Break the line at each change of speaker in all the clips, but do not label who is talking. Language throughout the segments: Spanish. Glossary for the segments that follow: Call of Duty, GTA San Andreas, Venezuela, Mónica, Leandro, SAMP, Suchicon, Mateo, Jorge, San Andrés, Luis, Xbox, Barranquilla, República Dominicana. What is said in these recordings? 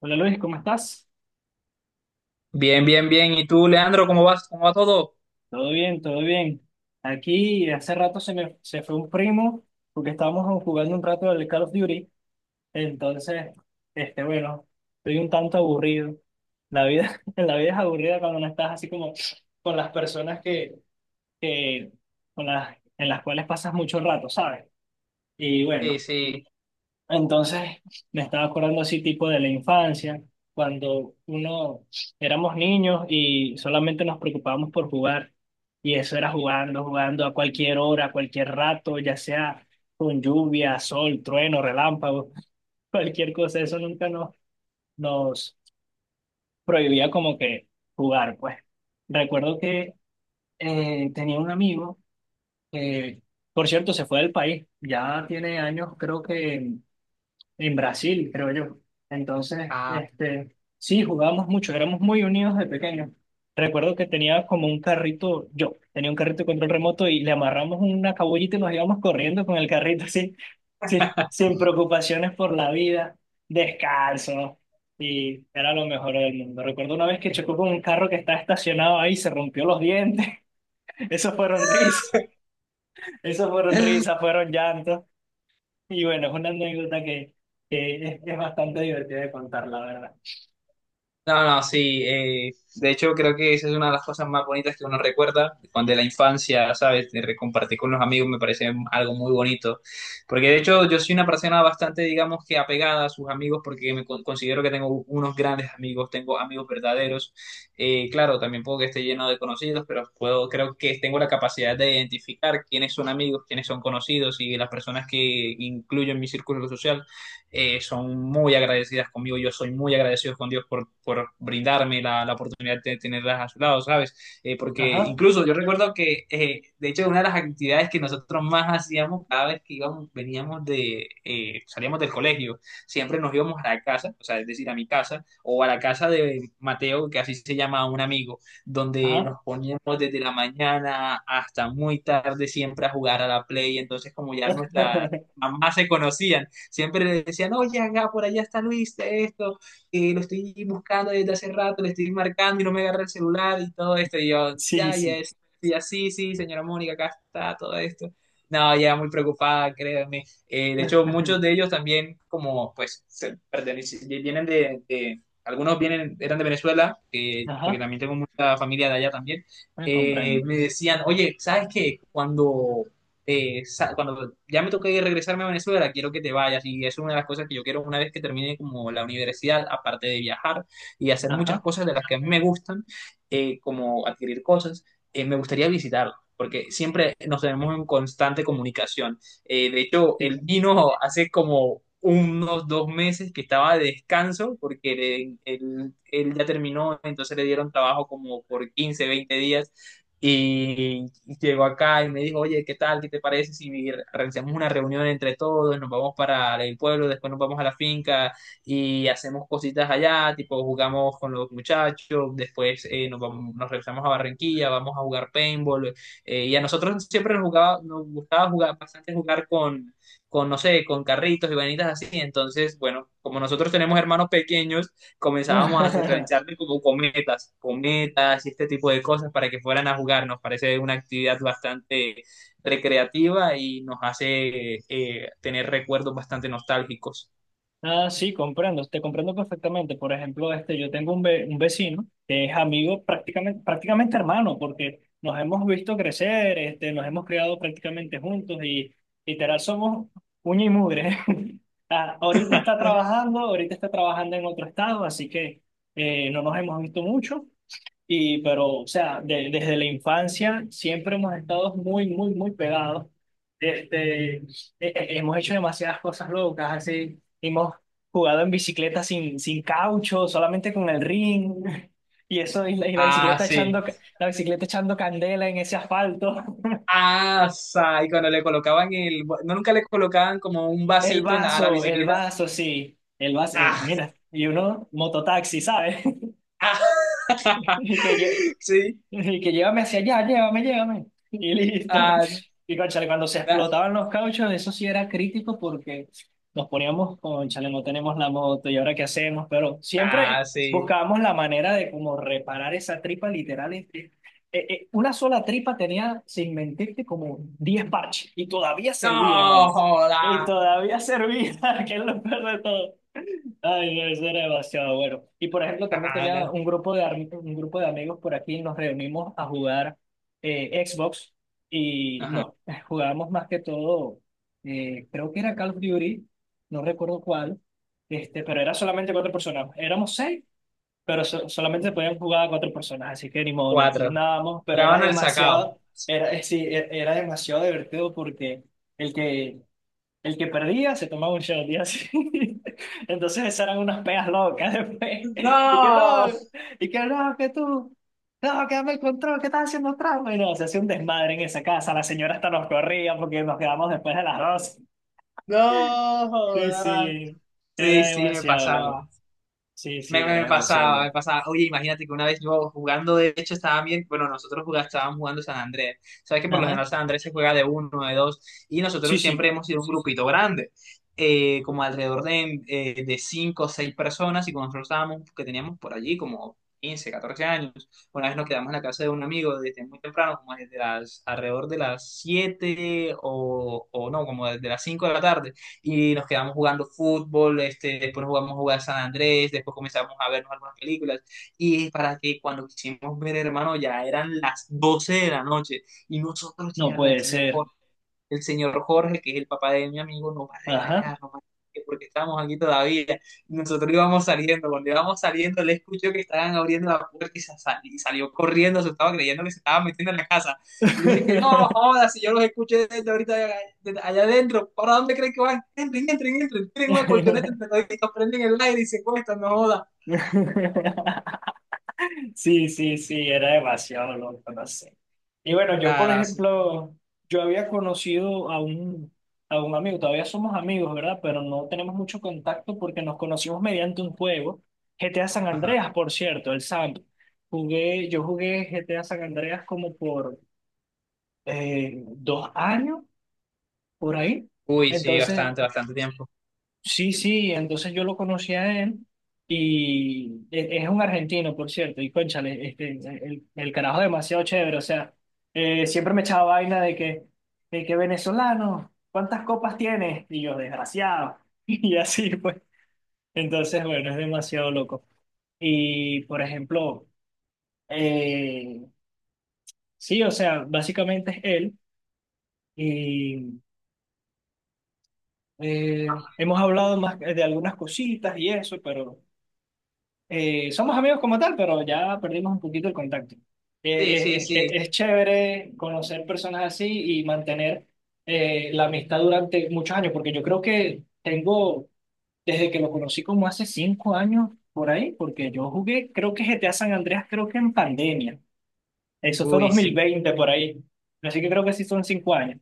Hola Luis, ¿cómo estás?
Bien, bien, bien. ¿Y tú, Leandro, cómo vas? ¿Cómo va todo?
Todo bien, todo bien. Aquí hace rato se fue un primo porque estábamos jugando un rato del Call of Duty. Entonces, bueno, estoy un tanto aburrido. La vida, la vida es aburrida cuando no estás así como con las personas que con en las cuales pasas mucho rato, ¿sabes? Y
Sí,
bueno,
sí.
entonces, me estaba acordando así tipo de la infancia, cuando uno éramos niños y solamente nos preocupábamos por jugar. Y eso era jugando a cualquier hora, a cualquier rato, ya sea con lluvia, sol, trueno, relámpago, cualquier cosa. Eso nunca nos prohibía como que jugar, pues. Recuerdo que tenía un amigo que, por cierto, se fue del país. Ya tiene años, creo que en Brasil, creo yo. Entonces,
Ah.
sí, jugábamos mucho, éramos muy unidos de pequeños. Recuerdo que tenía como un carrito, yo tenía un carrito de control remoto y le amarramos una cabullita y nos íbamos corriendo con el carrito así, sí, sin preocupaciones por la vida, descalzo. Y era lo mejor del mundo. Recuerdo una vez que chocó con un carro que estaba estacionado ahí y se rompió los dientes. Esos fueron risas, esos fueron risas, fueron llantos. Y bueno, es una anécdota que es bastante divertida de contar, la verdad.
No, no, sí. De hecho, creo que esa es una de las cosas más bonitas que uno recuerda cuando de la infancia, ¿sabes? Compartir con los amigos me parece algo muy bonito. Porque de hecho, yo soy una persona bastante, digamos que apegada a sus amigos porque considero que tengo unos grandes amigos, tengo amigos verdaderos. Claro, también puedo que esté lleno de conocidos, pero puedo, creo que tengo la capacidad de identificar quiénes son amigos, quiénes son conocidos y las personas que incluyo en mi círculo social son muy agradecidas conmigo. Yo soy muy agradecido con Dios por brindarme la oportunidad de tenerlas a su lado, ¿sabes? Porque
Ajá,
incluso yo recuerdo que, de hecho, una de las actividades que nosotros más hacíamos cada vez que íbamos, veníamos de, salíamos del colegio, siempre nos íbamos a la casa, o sea, es decir, a mi casa, o a la casa de Mateo, que así se llama un amigo, donde
ajá.
nos poníamos desde la mañana hasta muy tarde siempre a jugar a la play. Entonces como ya nuestra mamás se conocían, siempre le decían, oye, acá por allá está Luis, esto, lo estoy buscando desde hace rato, le estoy marcando y no me agarra el celular y todo esto. Y yo,
Sí,
ya, ya,
sí.
ya, sí, sí, señora Mónica, acá está todo esto. No, ya muy preocupada, créanme. De hecho, muchos de ellos también, como pues, vienen de, algunos vienen, eran de Venezuela, porque
Ajá,
también tengo mucha familia de allá también.
me comprendo.
Me decían, oye, ¿sabes qué? Cuando cuando ya me toque regresarme a Venezuela, quiero que te vayas. Y eso es una de las cosas que yo quiero una vez que termine como la universidad, aparte de viajar y hacer muchas
Ajá,
cosas de las que a mí me gustan, como adquirir cosas, me gustaría visitarlo. Porque siempre nos tenemos en constante comunicación. De hecho, él
sí.
vino hace como unos 2 meses que estaba de descanso porque él ya terminó, entonces le dieron trabajo como por 15, 20 días y llegó acá y me dijo, oye, ¿qué tal? ¿Qué te parece si realizamos una reunión entre todos? Nos vamos para el pueblo, después nos vamos a la finca y hacemos cositas allá, tipo jugamos con los muchachos, después nos vamos, nos regresamos a Barranquilla, vamos a jugar paintball. Y a nosotros siempre nos, jugaba, nos gustaba jugar bastante jugar con, no sé, con carritos y vanitas así. Entonces, bueno, como nosotros tenemos hermanos pequeños, comenzábamos a realizarle como cometas, cometas y este tipo de cosas para que fueran a jugar. Nos parece una actividad bastante recreativa y nos hace tener recuerdos bastante nostálgicos.
Ah, sí, comprendo, te comprendo perfectamente. Por ejemplo, yo tengo un vecino que es amigo prácticamente, prácticamente hermano, porque nos hemos visto crecer, nos hemos criado prácticamente juntos y literal somos uña y mugre. Ah, ahorita está trabajando en otro estado, así que no nos hemos visto mucho, y pero, o sea, desde la infancia siempre hemos estado muy, muy, muy pegados. Este, e- hemos hecho demasiadas cosas locas, así. Hemos jugado en bicicleta sin caucho, solamente con el ring. Y eso, y la
Ah,
bicicleta
sí.
la bicicleta echando candela en ese asfalto.
Ah, y cuando le colocaban el, no nunca le colocaban como un vasito en a la
El
bicicleta.
vaso, sí. El vaso,
Ah,
mira, y uno, mototaxi, ¿sabes?
ah,
Y que, lle-
sí.
Y que llévame hacia allá, llévame, llévame. Y listo.
Ah,
Y cónchale, cuando se
na-
explotaban los cauchos, eso sí era crítico porque nos poníamos, cónchale, no tenemos la moto y ahora qué hacemos, pero
ah,
siempre
sí.
buscábamos la manera de como reparar esa tripa literal. Una sola tripa tenía, sin mentirte, como 10 parches y todavía servía, hermano.
No,
Y
joda.
todavía servía, que es lo peor de todo. Ay, no, eso era demasiado bueno. Y por ejemplo, también
Ah,
tenía
na-
un grupo de amigos por aquí, nos reunimos a jugar Xbox y
Ajá.
nos jugábamos más que todo, creo que era Call of Duty, no recuerdo cuál, pero era solamente cuatro personas. Éramos seis, pero solamente se podían jugar cuatro personas, así que ni modo, nos
Cuatro.
turnábamos, pero era
Jugaban al sacao.
demasiado, era, sí, e- era demasiado divertido porque el que el que perdía se tomaba un shot y así. Entonces esas eran unas pegas locas después. Y que
No,
no, y que no, que dame el control, que estás haciendo trampa. Y no, se hacía un desmadre en esa casa. La señora hasta nos corría porque nos quedamos después de las 12.
no,
Sí,
joda.
sí,
Sí,
era
sí, me
demasiado loco.
pasaba.
Sí, sí,
Me,
era
me
demasiado
pasaba,
loco.
me pasaba. Oye, imagínate que una vez yo jugando, de hecho, estaba bien. Bueno, nosotros estábamos jugando San Andrés. Sabes que por lo
Ajá.
general San Andrés se juega de uno, de dos, y
Sí,
nosotros
sí,
siempre hemos sido un grupito grande, como alrededor de 5 o 6 personas. Y cuando nosotros estábamos, que teníamos por allí como 15, 14 años, una vez nos quedamos en la casa de un amigo desde muy temprano, como desde las, alrededor de las 7 o no, como desde las 5 de la tarde y nos quedamos jugando fútbol, este, después jugamos a jugar San Andrés, después comenzamos a vernos algunas películas y para que cuando quisimos ver, hermano, ya eran las 12 de la noche y nosotros,
no
mierda,
puede ser.
el señor Jorge, que es el papá de mi amigo,
Ajá.
nos va a regañar porque estamos aquí todavía. Nosotros íbamos saliendo, cuando íbamos saliendo, le escuchó que estaban abriendo la puerta y, y salió corriendo, se estaba creyendo que se estaba metiendo en la casa. Y me dije, no, jodas, si yo los escuché desde ahorita allá, allá adentro, ¿para dónde creen que van? Entren, entren, entren, tienen una colchoneta entre toditos, prenden el aire y se cuestan, no jodas.
Sí, sí, sí, era demasiado loco, no sé. Y bueno, yo
Nada,
por
nada, sí.
ejemplo, yo había conocido a a un amigo, todavía somos amigos, ¿verdad? Pero no tenemos mucho contacto porque nos conocimos mediante un juego, GTA San
Ajá.
Andreas, por cierto, el SAMP. Jugué, yo jugué GTA San Andreas como por 2 años, por ahí.
Uy, sí,
Entonces,
bastante, bastante tiempo.
sí, sí, entonces yo lo conocí a él y es un argentino, por cierto, y cónchale, el carajo es demasiado chévere, o sea, siempre me echaba vaina de que venezolano, ¿cuántas copas tienes? Y yo, desgraciado, y así pues. Entonces, bueno, es demasiado loco. Y, por ejemplo, eh, sí, o sea, básicamente es él y hemos hablado más de algunas cositas y eso, pero... somos amigos como tal, pero ya perdimos un poquito el contacto.
Sí, sí, sí.
Es chévere conocer personas así y mantener la amistad durante muchos años, porque yo creo que tengo, desde que lo conocí como hace 5 años por ahí, porque yo jugué, creo que GTA San Andreas, creo que en pandemia. Eso fue dos
Uy, sí.
mil veinte por ahí. Así que creo que sí son 5 años.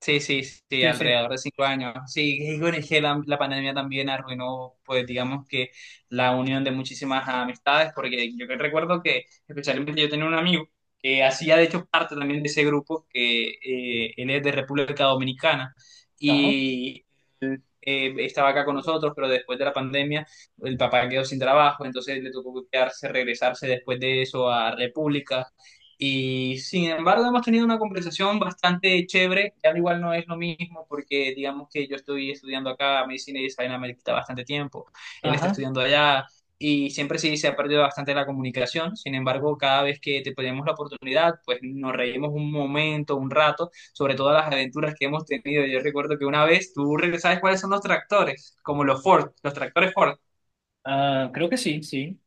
Sí, sí, sí,
Sí, sí.
alrededor de 5 años. Sí, y bueno, es que la pandemia también arruinó, pues digamos que la unión de muchísimas amistades, porque yo que recuerdo que especialmente yo tenía un amigo que hacía de hecho parte también de ese grupo, que él es de República Dominicana,
Ajá,
estaba acá con nosotros, pero después de la pandemia el papá quedó sin trabajo, entonces le tocó quedarse, regresarse después de eso a República. Y sin embargo hemos tenido una conversación bastante chévere, al igual no es lo mismo porque digamos que yo estoy estudiando acá medicina y esa vaina me quita bastante tiempo, él está
ajá.
estudiando allá y siempre sí se ha perdido bastante la comunicación, sin embargo cada vez que te ponemos la oportunidad pues nos reímos un momento, un rato sobre todas las aventuras que hemos tenido. Yo recuerdo que una vez, tú sabes cuáles son los tractores, como los Ford, los tractores Ford.
Ah, creo que sí, sí.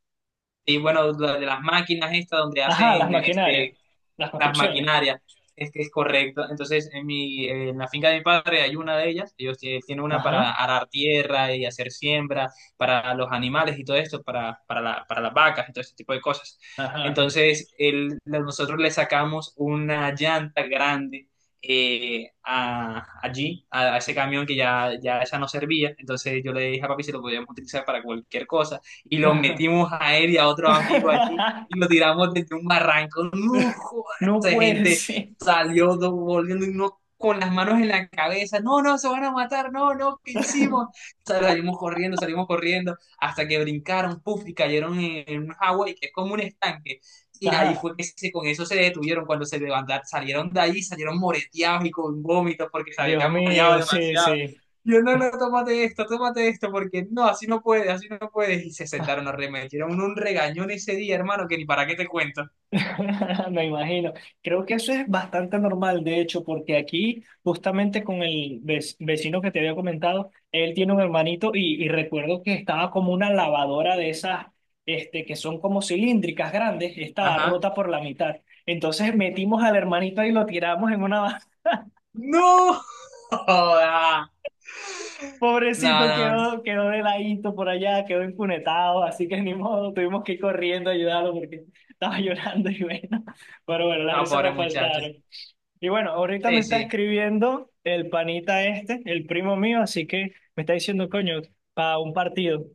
Y bueno, de las máquinas estas donde
Ajá, las
hacen
maquinarias,
este,
las
las
construcciones.
maquinarias, es que es correcto. Entonces, en mi, en la finca de mi padre hay una de ellas, ellos tienen una para
Ajá,
arar tierra y hacer siembra para los animales y todo esto, para para las vacas y todo este tipo de cosas.
ajá.
Entonces, nosotros le sacamos una llanta grande a, allí, a ese camión que ya, esa no servía. Entonces yo le dije a papi si lo podíamos utilizar para cualquier cosa. Y lo
Ajá.
metimos a él y a otro amigo allí y lo tiramos desde un barranco. ¡No!
No
de
puede
gente
ser.
salió volviendo y uno con las manos en la cabeza, no, no, se van a matar, no, no, ¿qué hicimos? Salimos corriendo, hasta que brincaron, puff, y cayeron en un agua y que es como un estanque. Y ahí
Ajá,
fue que con eso se detuvieron cuando se levantaron, salieron de ahí, salieron moreteados y con vómitos porque se
Dios
habían mareado
mío, sí,
demasiado.
sí.
Yo, no, no, tómate esto, porque no, así no puedes, así no puedes. Y se
Ah,
sentaron a remedio. Hicieron un regañón ese día, hermano, que ni para qué te cuento.
me imagino. Creo que eso es bastante normal, de hecho, porque aquí, justamente con el vecino que te había comentado, él tiene un hermanito y recuerdo que estaba como una lavadora de esas, este, que son como cilíndricas grandes, estaba
Ajá.
rota por la mitad. Entonces metimos al hermanito y lo tiramos en una
No joda. No,
pobrecito
no, no.
quedó, quedó de ladito por allá, quedó infunetado, así que ni modo, tuvimos que ir corriendo a ayudarlo porque estaba llorando y bueno, pero bueno, las
No,
risas
pobre
nos
muchacho.
faltaron. Y bueno, ahorita me
Sí,
está
sí.
escribiendo el panita este, el primo mío, así que me está diciendo, coño, para un partido,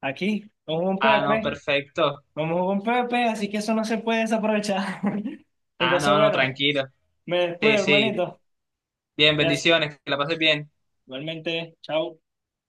aquí, vamos a un
Ah, no,
Pepe,
perfecto.
vamos a un Pepe, así que eso no se puede desaprovechar.
Ah,
Entonces,
no, no,
bueno,
tranquilo.
me despido,
Sí, sí.
hermanito.
Bien,
Gracias.
bendiciones, que la pases bien.
Igualmente, chao.